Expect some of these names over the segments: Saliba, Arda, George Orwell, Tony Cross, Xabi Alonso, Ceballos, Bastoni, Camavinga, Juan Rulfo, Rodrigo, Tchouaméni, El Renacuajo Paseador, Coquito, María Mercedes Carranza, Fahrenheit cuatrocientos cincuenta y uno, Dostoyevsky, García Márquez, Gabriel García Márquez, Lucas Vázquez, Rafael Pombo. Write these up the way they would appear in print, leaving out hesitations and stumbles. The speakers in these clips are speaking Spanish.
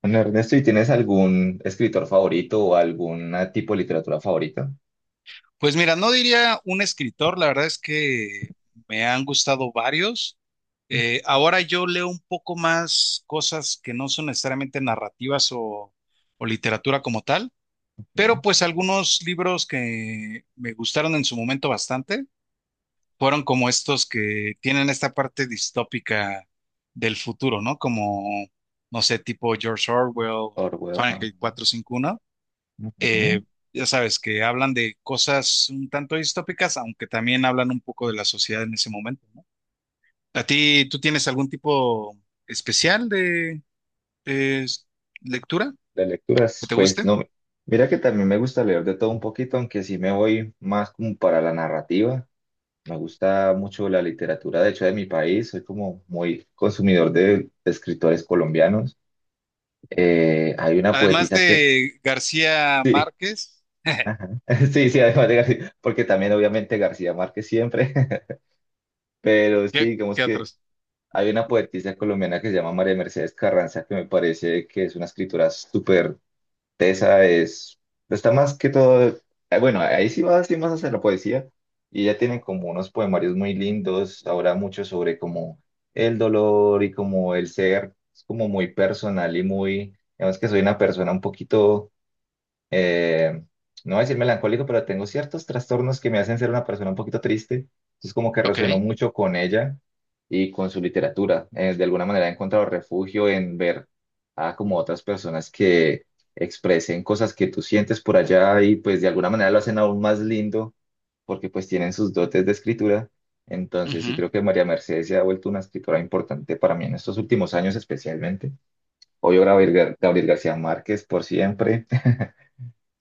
Bueno, Ernesto, ¿y tienes algún escritor favorito o algún tipo de literatura favorita? Pues mira, no diría un escritor, la verdad es que me han gustado varios. Ahora yo leo un poco más cosas que no son necesariamente narrativas o literatura como tal, pero Ujú. pues algunos libros que me gustaron en su momento bastante fueron como estos que tienen esta parte distópica del futuro, ¿no? Como, no sé, tipo George Orwell, Orwell. Fahrenheit 451, Ujú. eh, ya sabes, que hablan de cosas un tanto distópicas, aunque también hablan un poco de la sociedad en ese momento, ¿no? ¿A ti, tú tienes algún tipo especial de eh, lectura De que lecturas, te pues guste? no. Mira que también me gusta leer de todo un poquito, aunque sí me voy más como para la narrativa. Me gusta mucho la literatura, de hecho, de mi país. Soy como muy consumidor de escritores colombianos. Hay una Además poetisa que... de García Sí, Márquez, ajá. Sí, sí, además de García, porque también obviamente García Márquez siempre, pero sí, digamos qué que... otros? Hay una poetisa colombiana que se llama María Mercedes Carranza, que me parece que es una escritura súper tesa, es, pues, está más que todo, bueno, ahí sí va sí más hacia la poesía, y ella tiene como unos poemarios muy lindos, habla mucho sobre como el dolor y como el ser, es como muy personal y muy, digamos que soy una persona un poquito eh, no voy a decir melancólico, pero tengo ciertos trastornos que me hacen ser una persona un poquito triste. Entonces como que resueno Ok. mucho con ella y con su literatura. De alguna manera he encontrado refugio en ver a como otras personas que expresen cosas que tú sientes por allá y pues de alguna manera lo hacen aún más lindo porque pues tienen sus dotes de escritura. Entonces sí Ujú. creo que María Mercedes se ha vuelto una escritora importante para mí en estos últimos años especialmente. Obvio Gabriel García Márquez por siempre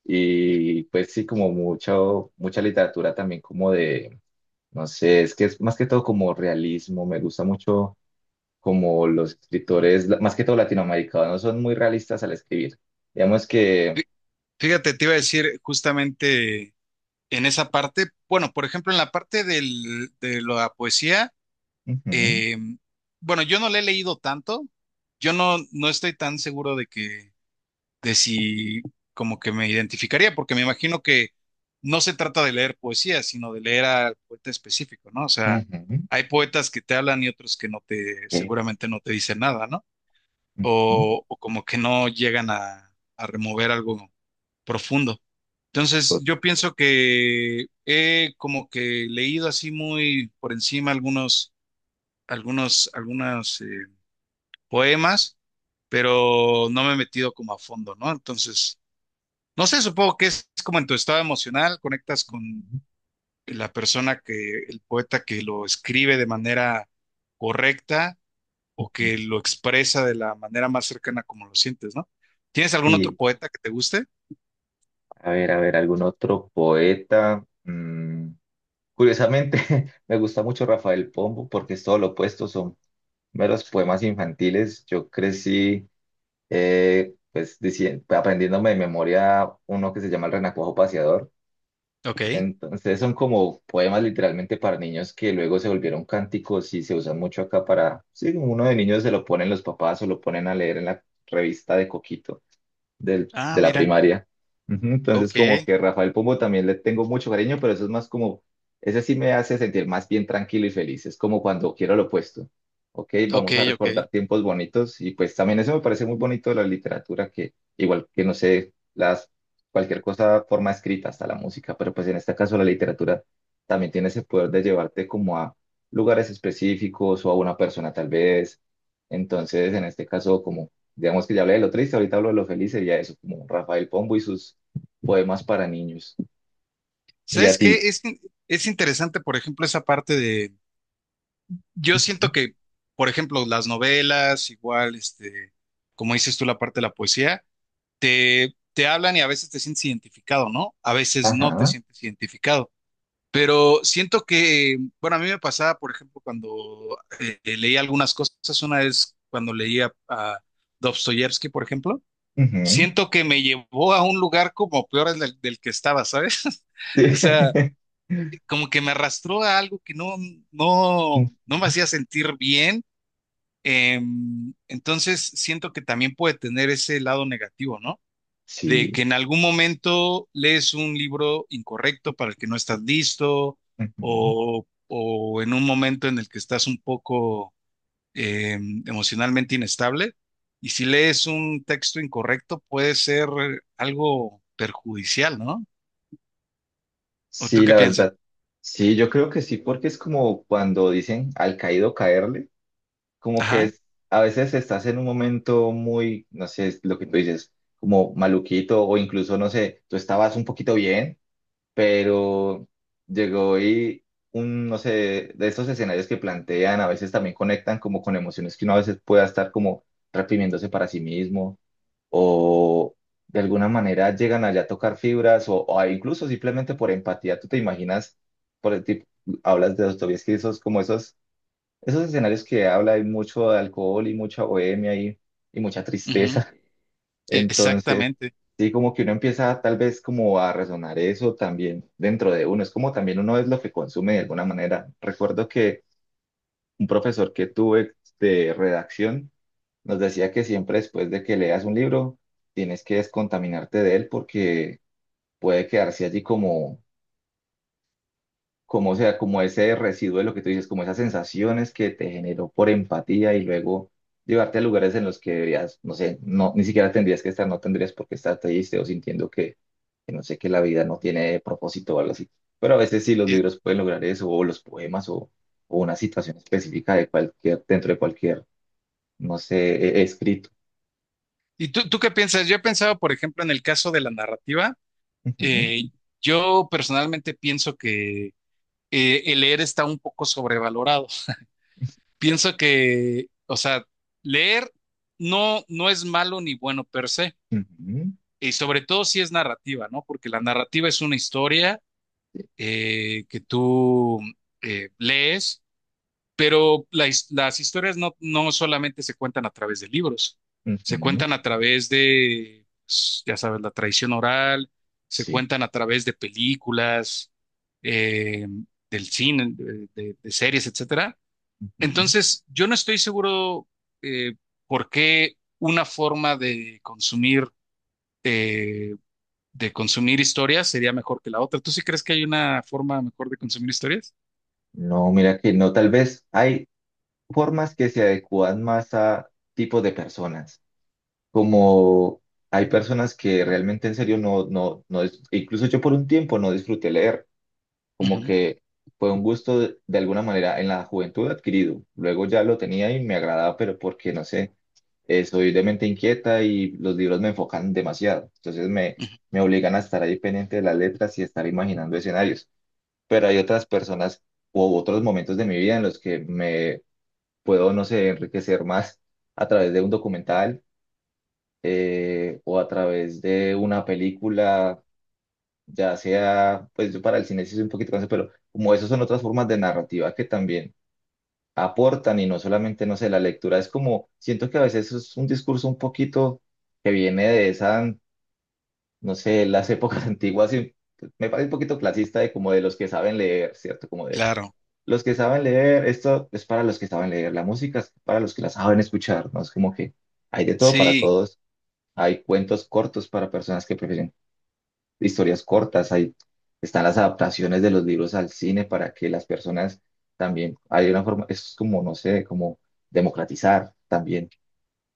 y pues sí, como mucho, mucha literatura también como de, no sé, es que es más que todo como realismo, me gusta mucho como los escritores, más que todo latinoamericanos, son muy realistas al escribir. Digamos que... Fí- Fíjate, te iba a decir justamente en esa parte, bueno, por ejemplo, en la parte de la poesía. ujú, Eh, bueno, yo no le he leído tanto. Yo no, no estoy tan seguro de que, de si como que me identificaría, porque me imagino que no se trata de leer poesía, sino de leer al poeta específico, ¿no? O sea, ujú, hay poetas que te hablan y otros que no esa, seguramente no te dicen nada, ¿no? ujú, O como que no llegan a remover algo profundo. Entonces, tot- yo pienso que he como que leído así muy por encima algunas, poemas, pero no me he metido como a fondo, ¿no? Entonces, no sé, supongo que es como en tu estado emocional, conectas con ujú. la persona que, el poeta que lo escribe de manera correcta o que lo expresa de la manera más cercana como lo sientes, ¿no? ¿Tienes algún otro Y poeta que te guste? A ver, algún otro poeta. Mm, curiosamente, me gusta mucho Rafael Pombo porque es todo lo opuesto, son meros poemas infantiles. Yo crecí aprendiéndome de memoria uno que se llama El Renacuajo Paseador. Ok. Entonces son como poemas literalmente para niños que luego se volvieron cánticos y se usan mucho acá para, sí, uno de niños se lo ponen los papás o lo ponen a leer en la revista de Coquito Ah, de la mira. primaria. Ujú. Entonces, Ok, como que Rafael Pombo también le tengo mucho cariño, pero eso es más como, ese sí me hace sentir más bien tranquilo y feliz. Es como cuando quiero lo opuesto. Ok, ok, vamos a ok. recordar tiempos bonitos y pues también eso me parece muy bonito de la literatura, que igual que no sé, las, cualquier cosa, forma escrita, hasta la música, pero pues en este caso la literatura también tiene ese poder de llevarte como a lugares específicos o a una persona tal vez. Entonces, en este caso, como digamos que ya hablé de lo triste, ahorita hablo de lo feliz, sería eso, como Rafael Pombo y sus poemas para niños. Y a ¿Sabes ti. qué? Es interesante, por ejemplo, esa parte de... Yo Ujú. siento que, por ejemplo, las novelas, igual, este, como dices tú, la parte de la poesía, te hablan y a veces te sientes identificado, ¿no? A veces no te Ajá. sientes identificado. Pero siento que, bueno, a mí me pasaba, por ejemplo, cuando leía algunas cosas, una vez cuando leía a Dostoyevsky, por ejemplo, Ujú. siento que me llevó a un lugar como peor del que estaba, ¿sabes? Sí. O sea, como que me arrastró a algo que Ujú. No me hacía sentir bien. Entonces, siento que también puede tener ese lado negativo, ¿no? De Sí. que en algún momento lees un libro incorrecto para el que no estás listo, Ujú. O en un momento en el que estás un poco emocionalmente inestable. Y si lees un texto incorrecto, puede ser algo perjudicial, ¿no? ¿O tú Sí, qué la piensas? verdad. Sí, yo creo que sí, porque es como cuando dicen al caído caerle, como que Ajá, es, a veces estás en un momento muy, no sé, es lo que tú dices, como maluquito o incluso, no sé, tú estabas un poquito bien, pero llegó y un, no sé, de estos escenarios que plantean, a veces también conectan como con emociones que uno a veces pueda estar como reprimiéndose para sí mismo o de alguna manera llegan allá a tocar fibras o incluso simplemente por empatía, tú te imaginas, por el tipo, hablas de Dostoyevsky, esos escenarios que habla hay mucho de alcohol y mucha bohemia y mucha ujú, tristeza. Entonces, exactamente. sí, como que uno empieza tal vez como a resonar eso también dentro de uno. Es como también uno es lo que consume de alguna manera. Recuerdo que un profesor que tuve de redacción nos decía que siempre después de que leas un libro, tienes que descontaminarte de él porque puede quedarse allí como, o sea, como ese residuo de lo que tú dices, como esas sensaciones que te generó por empatía y luego llevarte a lugares en los que deberías, no sé, no, ni siquiera tendrías que estar, no tendrías por qué estar triste o sintiendo que no sé, que la vida no tiene propósito o algo así. Pero a veces sí los Eh, libros pueden lograr eso, o los poemas, o una situación específica de cualquier, dentro de cualquier, no sé, escrito. ¿Y tú qué piensas? Yo he pensado, por ejemplo, en el caso de la narrativa. Ujú, Eh, yo personalmente pienso que el leer está un poco sobrevalorado. Pienso que, o sea, leer no es malo ni bueno per se, ujú, y sobre todo si es narrativa, ¿no? Porque la narrativa es una historia que tú lees. Pero la las historias no solamente se cuentan a través de libros, se ujú, cuentan a través de, pues, ya sabes, la tradición oral, se sí. cuentan a través de películas, eh, del cine, de series, etcétera. Ujú. Entonces, yo no estoy seguro eh, por qué una forma eh, de consumir historias sería mejor que la otra. ¿Tú sí crees que hay una forma mejor de consumir historias? No, mira que no, tal vez hay formas que se adecúan más a tipos de personas. Como hay personas que realmente en serio no, no, no, incluso yo por un tiempo no disfruté leer, como Ujú, que fue un gusto de alguna manera en la juventud adquirido. Luego ya lo tenía y me agradaba, pero porque no sé, soy de mente inquieta y los libros me enfocan demasiado. Ujú, Me obligan a estar ahí pendiente de las letras y estar imaginando escenarios. Pero hay otras personas u otros momentos de mi vida en los que me puedo, no sé, enriquecer más a través de un documental o a través de una película, ya sea, pues yo para el cine sí soy un poquito cansado, pero como eso son otras formas de narrativa que también aportan y no solamente, no sé, la lectura es como, siento que a veces es un discurso un poquito que viene de esa, no sé, las épocas antiguas y me parece un poquito clasista de como de los que saben leer, ¿cierto? Como claro, los que saben leer, esto es para los que saben leer, la música es para los que la saben escuchar, ¿no? Es como que hay de todo para sí, todos, hay cuentos cortos para personas que prefieren historias cortas, hay, están las adaptaciones de los libros al cine para que las personas también, hay una forma, es como, no sé, como democratizar también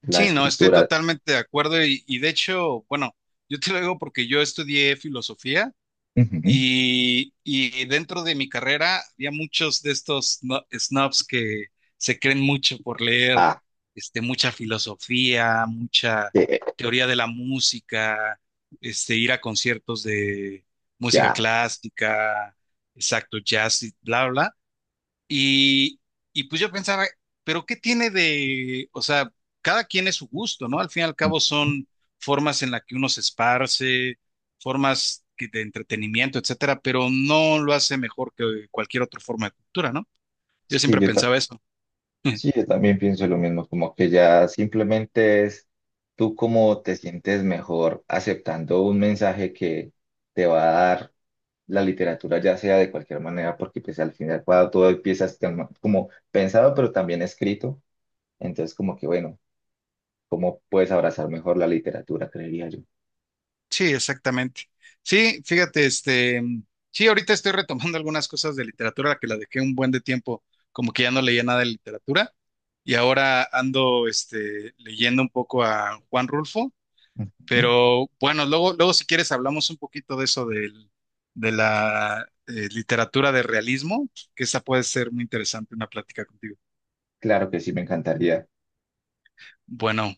la sí, no, estoy escritura. totalmente de acuerdo y de hecho, bueno, yo te lo digo porque yo estudié filosofía. Ujú. Y dentro de mi carrera había muchos de estos snobs que se creen mucho por leer, Ah, este, mucha filosofía, mucha eh, teoría de la música, este, ir a conciertos de música ya. clásica, exacto, jazz y bla, bla. Y, y pues yo pensaba, pero ¿qué tiene de, o sea, cada quien es su gusto, ¿no? Al fin y al Ujú. cabo son formas en las que uno se esparce, formas de entretenimiento, etcétera, pero no lo hace mejor que cualquier otra forma de cultura, ¿no? Yo Sí, siempre yo pensaba eso. sí, yo también pienso lo mismo, como que ya simplemente es tú cómo te sientes mejor aceptando un mensaje que te va a dar la literatura, ya sea de cualquier manera, porque pues al final cuando todo empieza a estar como pensado, pero también escrito, entonces como que bueno, cómo puedes abrazar mejor la literatura, creería yo. Sí, exactamente. Sí, fíjate, este, sí, ahorita estoy retomando algunas cosas de literatura que la dejé un buen de tiempo, como que ya no leía nada de literatura, y ahora ando, este, leyendo un poco a Juan Rulfo. Ujú. Pero bueno, luego si quieres hablamos un poquito de eso de la literatura de realismo, que esa puede ser muy interesante una plática contigo. Claro que sí, me encantaría. Bueno,